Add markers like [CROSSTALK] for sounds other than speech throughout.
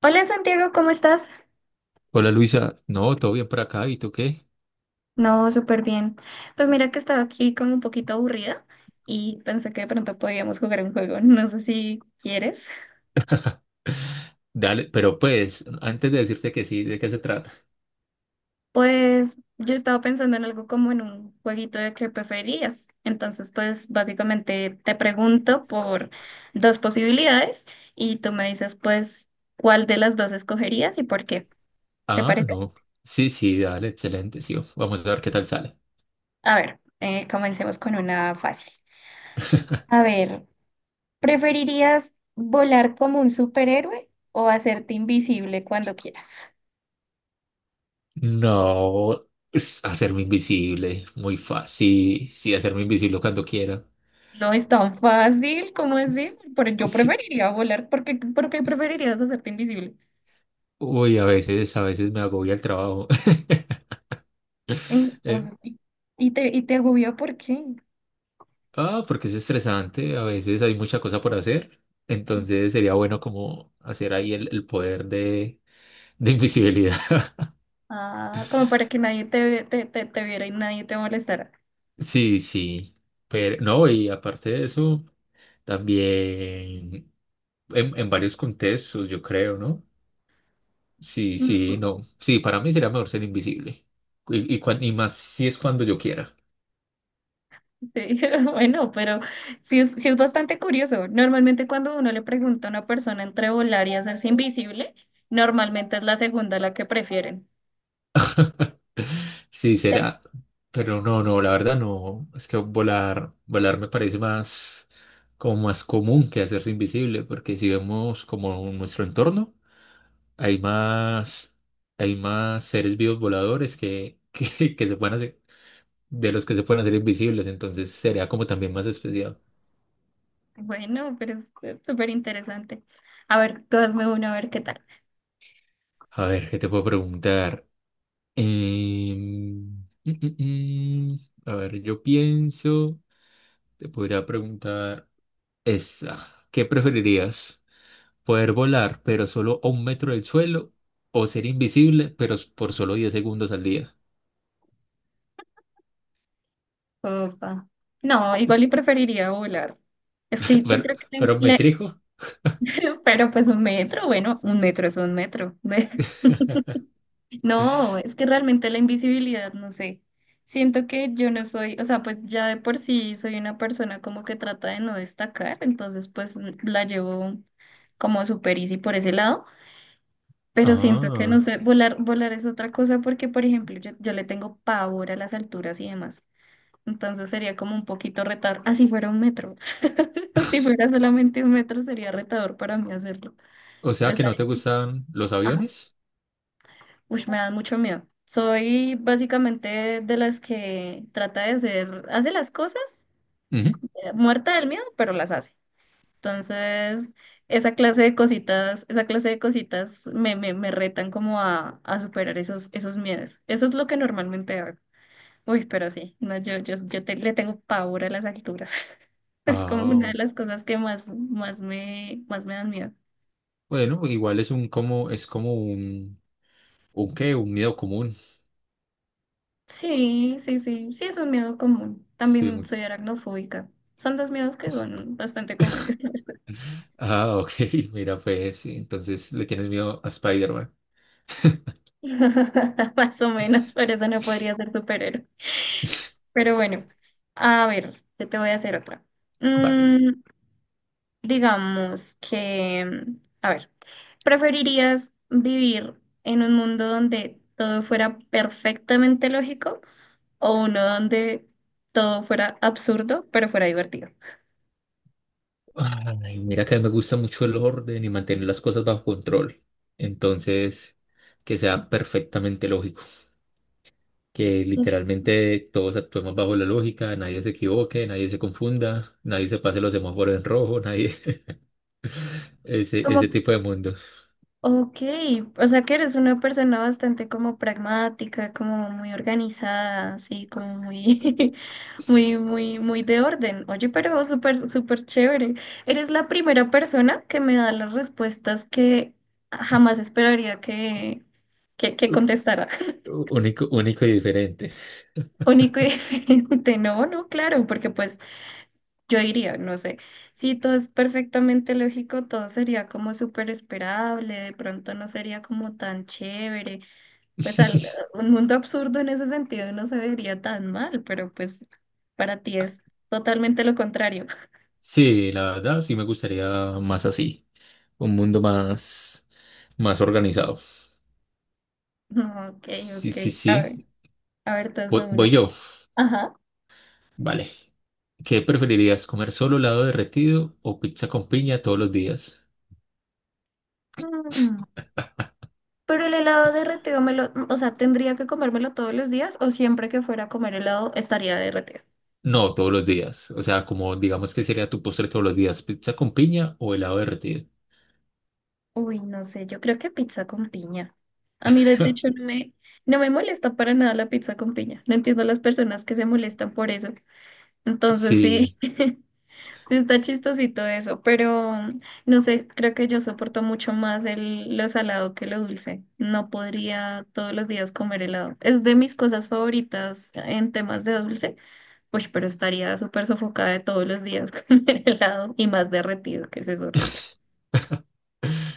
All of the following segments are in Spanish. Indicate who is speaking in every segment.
Speaker 1: Hola Santiago, ¿cómo estás?
Speaker 2: Hola Luisa, no, todo bien por acá, ¿y tú qué?
Speaker 1: No, súper bien. Pues mira que estaba aquí como un poquito aburrida y pensé que de pronto podíamos jugar un juego. [LAUGHS] No sé si quieres.
Speaker 2: Dale, pero pues, antes de decirte que sí, ¿de qué se trata?
Speaker 1: Pues yo estaba pensando en algo como en un jueguito de qué preferías. Entonces, pues básicamente te pregunto por dos posibilidades y tú me dices pues cuál de las dos escogerías y por qué. ¿Te
Speaker 2: Ah,
Speaker 1: parece?
Speaker 2: no, sí, sí, dale, excelente, sí, vamos a ver qué tal sale.
Speaker 1: A ver, comencemos con una fácil. A ver. ¿Preferirías volar como un superhéroe o hacerte invisible cuando quieras?
Speaker 2: No, es hacerme invisible, muy fácil, sí, hacerme invisible cuando quiera.
Speaker 1: No es tan fácil como es decir,
Speaker 2: S-
Speaker 1: pero yo
Speaker 2: Sí,
Speaker 1: preferiría volar. Por qué preferirías hacerte invisible?
Speaker 2: uy, a veces me agobia el trabajo. [LAUGHS]
Speaker 1: En- o
Speaker 2: Eh,
Speaker 1: sea, y, y te agobia, ¿por qué?
Speaker 2: Ah, porque es estresante, a veces hay mucha cosa por hacer, entonces sería bueno como hacer ahí el poder de invisibilidad. [LAUGHS]
Speaker 1: Ah, como para que nadie te viera y nadie te molestara.
Speaker 2: Sí, sí, pero no, y aparte de eso, también en varios contextos, yo creo, ¿no? Sí, sí,
Speaker 1: No.
Speaker 2: no, sí, para mí sería mejor ser invisible y más si es cuando yo quiera.
Speaker 1: Sí, [LAUGHS] bueno, pero sí es bastante curioso. Normalmente cuando uno le pregunta a una persona entre volar y hacerse invisible, normalmente es la segunda la que prefieren.
Speaker 2: Sí, será. Pero no, no, la verdad no. Es que volar me parece más, como más común que hacerse invisible, porque si vemos como nuestro entorno, hay más, hay más seres vivos voladores que, [LAUGHS] que se pueden hacer, de los que se pueden hacer invisibles, entonces sería como también más especial.
Speaker 1: Bueno, pero es súper interesante. A ver, tú hazme uno, a ver qué tal.
Speaker 2: A ver, ¿qué te puedo preguntar? Em, mm, mm, mm. A ver, yo pienso, te podría preguntar. Esta, ¿Qué preferirías? ¿Poder volar, pero solo a 1 metro del suelo? ¿O ser invisible, pero por solo 10 segundos al día?
Speaker 1: Opa. No, igual y preferiría volar. Es que
Speaker 2: [LAUGHS]
Speaker 1: yo
Speaker 2: ¿Pero,
Speaker 1: creo que,
Speaker 2: pero un
Speaker 1: le-
Speaker 2: metrico?
Speaker 1: le- [LAUGHS] Pero pues un metro, bueno, un metro es un metro. [LAUGHS]
Speaker 2: [LAUGHS]
Speaker 1: No, es que realmente la invisibilidad, no sé. Siento que yo no soy, o sea, pues ya de por sí soy una persona como que trata de no destacar, entonces pues la llevo como super easy por ese lado. Pero siento que no
Speaker 2: Ah,
Speaker 1: sé, volar es otra cosa porque, por ejemplo, yo le tengo pavor a las alturas y demás. Entonces sería como un poquito retador. Así fuera un metro. [LAUGHS] Si fuera solamente un metro sería retador para mí hacerlo.
Speaker 2: o sea
Speaker 1: Les
Speaker 2: que no te
Speaker 1: daría-
Speaker 2: gustan los
Speaker 1: ah,
Speaker 2: aviones.
Speaker 1: uy, me da mucho miedo. Soy básicamente de las que trata de hacer, hace las cosas,
Speaker 2: Ujú.
Speaker 1: muerta del miedo, pero las hace. Entonces, esa clase de cositas me retan como a superar esos miedos. Eso es lo que normalmente hago. Uy, pero sí, no, le tengo pavor a las alturas. [LAUGHS] Es como una de
Speaker 2: Ah,
Speaker 1: las cosas que más me dan miedo.
Speaker 2: bueno, igual es un como, es como un, un miedo común.
Speaker 1: Sí, sí, sí, sí, es un miedo común.
Speaker 2: Sí.
Speaker 1: También soy aracnofóbica. Son dos miedos que son bastante comunes.
Speaker 2: Ah, ok, [LAUGHS] mira, pues sí, entonces le tienes miedo a Spider-Man.
Speaker 1: [LAUGHS] Más o menos, por eso no podría ser superhéroe.
Speaker 2: [LAUGHS]
Speaker 1: Pero bueno, a ver, yo te voy a hacer otra.
Speaker 2: Vale.
Speaker 1: Mm, digamos que, a ver, ¿preferirías vivir en un mundo donde todo fuera perfectamente lógico o uno donde todo fuera absurdo, pero fuera divertido?
Speaker 2: Ay, mira que me gusta mucho el orden y mantener las cosas bajo control. Entonces, que sea perfectamente lógico, que
Speaker 1: Es
Speaker 2: literalmente todos actuemos bajo la lógica, nadie se equivoque, nadie se confunda, nadie se pase los semáforos en rojo, nadie, [LAUGHS]
Speaker 1: como.
Speaker 2: ese tipo de mundo.
Speaker 1: Ok, o sea que eres una persona bastante como pragmática, como muy organizada, así como muy, [LAUGHS]
Speaker 2: Es
Speaker 1: muy, de orden. Oye, pero súper chévere. Eres la primera persona que me da las respuestas que jamás esperaría que
Speaker 2: ú-
Speaker 1: contestara.
Speaker 2: Único, único y diferente.
Speaker 1: [LAUGHS] Único y diferente. No, no, claro, porque pues yo diría, no sé, si todo es perfectamente lógico, todo sería como súper esperable, de pronto no sería como tan chévere. Pues al-
Speaker 2: [LAUGHS]
Speaker 1: un mundo absurdo en ese sentido no se vería tan mal, pero pues para ti es totalmente lo contrario. [LAUGHS]
Speaker 2: Sí, la verdad, sí me gustaría más así, un mundo más, más organizado.
Speaker 1: No, Ok,
Speaker 2: Sí,
Speaker 1: ok.
Speaker 2: sí,
Speaker 1: A
Speaker 2: sí.
Speaker 1: ver, a ver, entonces me una.
Speaker 2: Voy yo.
Speaker 1: Ajá.
Speaker 2: Vale. ¿Qué preferirías, comer solo helado derretido o pizza con piña todos los días?
Speaker 1: Mm, pero el helado derretido me lo, o sea, ¿tendría que comérmelo todos los días o siempre que fuera a comer helado estaría derretido?
Speaker 2: No, todos los días. O sea, como digamos que sería tu postre todos los días, pizza con piña o helado derretido.
Speaker 1: Uy, no sé, yo creo que pizza con piña. A mí, de hecho,
Speaker 2: [LAUGHS]
Speaker 1: no me molesta para nada la pizza con piña. No entiendo las personas que se molestan por eso. Entonces, sí.
Speaker 2: Sí,
Speaker 1: [LAUGHS] Sí, está chistosito eso, pero no sé, creo que yo soporto mucho más lo salado que lo dulce. No podría todos los días comer helado. Es de mis cosas favoritas en temas de dulce, pues, pero estaría súper sofocada de todos los días [LAUGHS] con el helado y más derretido, que eso es horrible.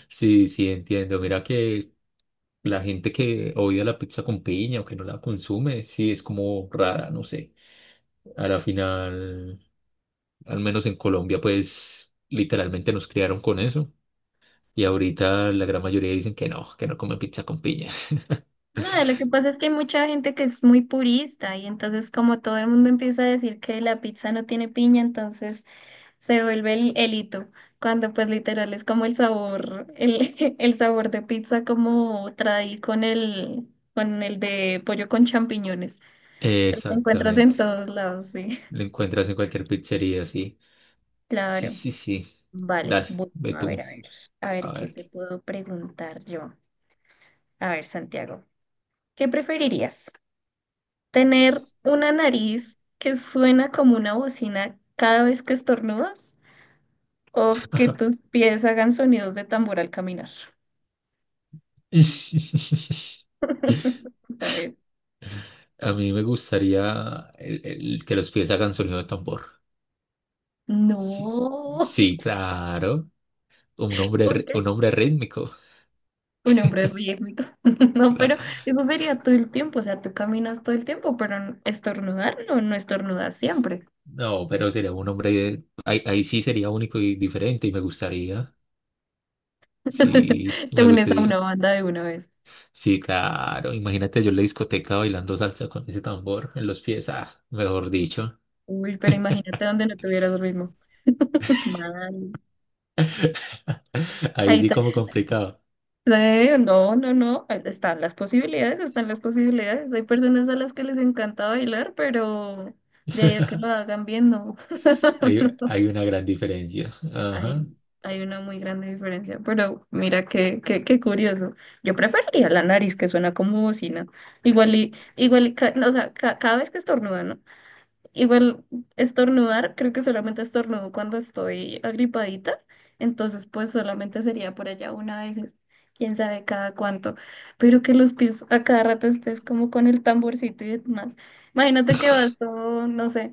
Speaker 2: sí, sí, entiendo. Mira que la gente que odia la pizza con piña o que no la consume, sí, es como rara, no sé. A la final, al menos en Colombia, pues literalmente nos criaron con eso. Y ahorita la gran mayoría dicen que no comen pizza con piña. [LAUGHS]
Speaker 1: Nada, lo que pasa es que hay mucha gente que es muy purista y entonces como todo el mundo empieza a decir que la pizza no tiene piña, entonces se vuelve el hito, cuando pues literal es como [LAUGHS] el sabor de pizza como traí con el de pollo con champiñones. Los encuentras en
Speaker 2: Exactamente.
Speaker 1: todos lados, sí.
Speaker 2: Lo
Speaker 1: [LAUGHS]
Speaker 2: encuentras en cualquier pizzería, sí. Sí,
Speaker 1: Claro.
Speaker 2: sí, sí.
Speaker 1: Vale,
Speaker 2: Dale,
Speaker 1: bueno,
Speaker 2: ve
Speaker 1: a ver,
Speaker 2: tú.
Speaker 1: a ver, a ver
Speaker 2: A
Speaker 1: qué
Speaker 2: ver.
Speaker 1: te puedo preguntar yo. A ver, Santiago, ¿qué preferirías? Tener una nariz que suena como una bocina cada vez que estornudas o que tus pies hagan sonidos de tambor al caminar.
Speaker 2: [LAUGHS]
Speaker 1: [LAUGHS] A ver.
Speaker 2: A mí me gustaría el que los pies hagan sonido de tambor. Sí,
Speaker 1: No,
Speaker 2: sí, claro.
Speaker 1: [LAUGHS] ¿por qué?
Speaker 2: Un hombre rítmico.
Speaker 1: Un hombre rítmico. [LAUGHS] No,
Speaker 2: La-
Speaker 1: pero eso sería todo el tiempo, o sea, tú caminas todo el tiempo, pero estornudar no, no estornudas siempre.
Speaker 2: No, pero sería un hombre. Ahí sí sería único y diferente y me gustaría. Sí,
Speaker 1: [LAUGHS] Te
Speaker 2: me
Speaker 1: unes a
Speaker 2: gustaría.
Speaker 1: una
Speaker 2: Sí,
Speaker 1: banda de una vez.
Speaker 2: sí, claro. Imagínate yo en la discoteca bailando salsa con ese tambor en los pies. Ah, mejor dicho.
Speaker 1: Uy, pero imagínate donde no tuvieras ritmo. [LAUGHS] Mal.
Speaker 2: Ahí
Speaker 1: Ahí.
Speaker 2: sí como complicado.
Speaker 1: No, no, no, están están las posibilidades. Hay personas a las que les encanta bailar, pero de ahí a que lo hagan bien, no.
Speaker 2: Hay una gran diferencia. Ajá.
Speaker 1: Hay, hay una muy grande diferencia, pero mira qué curioso. Yo preferiría la nariz que suena como bocina. No, o sea, ca- cada vez que estornudan, igual estornudar, creo que solamente estornudo cuando estoy agripadita, entonces pues solamente sería por allá una vez, quién sabe cada cuánto, pero que los pies a cada rato estés como con el tamborcito y demás. Imagínate que vas todo, no sé,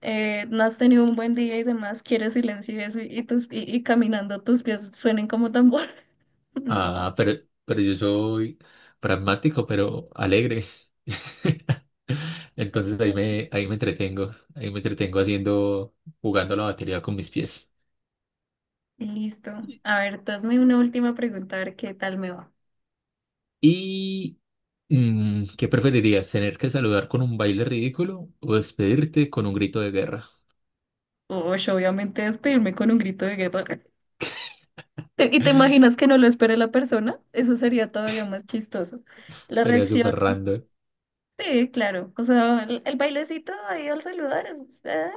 Speaker 1: no has tenido un buen día y demás, quieres silencio y eso, y caminando tus pies suenen como tambor. [LAUGHS] No.
Speaker 2: Ah, pero yo soy pragmático, pero alegre. [LAUGHS] Entonces
Speaker 1: Bueno,
Speaker 2: ahí me entretengo. Ahí me entretengo haciendo, jugando la batería con mis pies.
Speaker 1: listo. A ver, tú hazme una última pregunta, a ver qué tal me va.
Speaker 2: ¿Y qué preferirías? ¿Tener que saludar con un baile ridículo o despedirte con un grito de guerra?
Speaker 1: Uy, obviamente despedirme con un grito de guerra. [LAUGHS] ¿Y te imaginas que no lo espere la persona? Eso sería todavía más chistoso. La
Speaker 2: Sería
Speaker 1: reacción,
Speaker 2: súper random.
Speaker 1: sí, claro. O sea, el bailecito ahí al saludar es eh,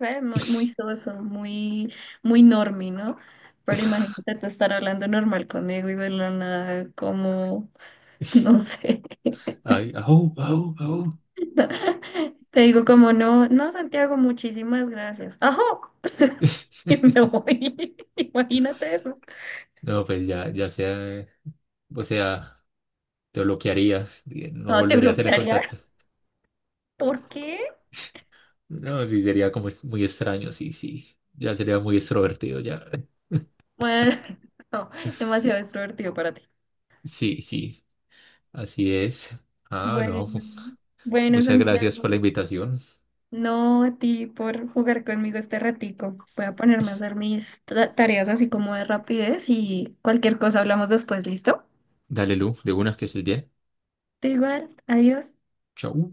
Speaker 1: eh, muy
Speaker 2: [LAUGHS]
Speaker 1: soso, muy, muy normy, ¿no? Pero imagínate tú estar hablando normal conmigo y de la nada, como, [LAUGHS] no sé.
Speaker 2: Ay, au, au, au.
Speaker 1: [LAUGHS] Te digo como, no, no, Santiago, muchísimas gracias. ¡Ajo! [LAUGHS] Y me
Speaker 2: [LAUGHS]
Speaker 1: voy. [LAUGHS] Imagínate eso.
Speaker 2: No, pues ya sea, o sea, te bloquearía, y no
Speaker 1: No, te
Speaker 2: volvería a tener
Speaker 1: bloquearía.
Speaker 2: contacto.
Speaker 1: ¿Por qué?
Speaker 2: No, sí, sería como muy extraño, sí, sí. Ya sería muy extrovertido, ya. [LAUGHS]
Speaker 1: Bueno, [LAUGHS] no, demasiado extrovertido para ti.
Speaker 2: Sí, sí, así es. Ah, no,
Speaker 1: Bueno, bueno,
Speaker 2: muchas gracias
Speaker 1: Santiago.
Speaker 2: por la invitación.
Speaker 1: No, a ti por jugar conmigo este ratico. Voy a ponerme a hacer mis tareas así como de rapidez y cualquier cosa hablamos después, ¿listo?
Speaker 2: Dale, Lu, de una que estés bien.
Speaker 1: Te igual, adiós.
Speaker 2: Chau.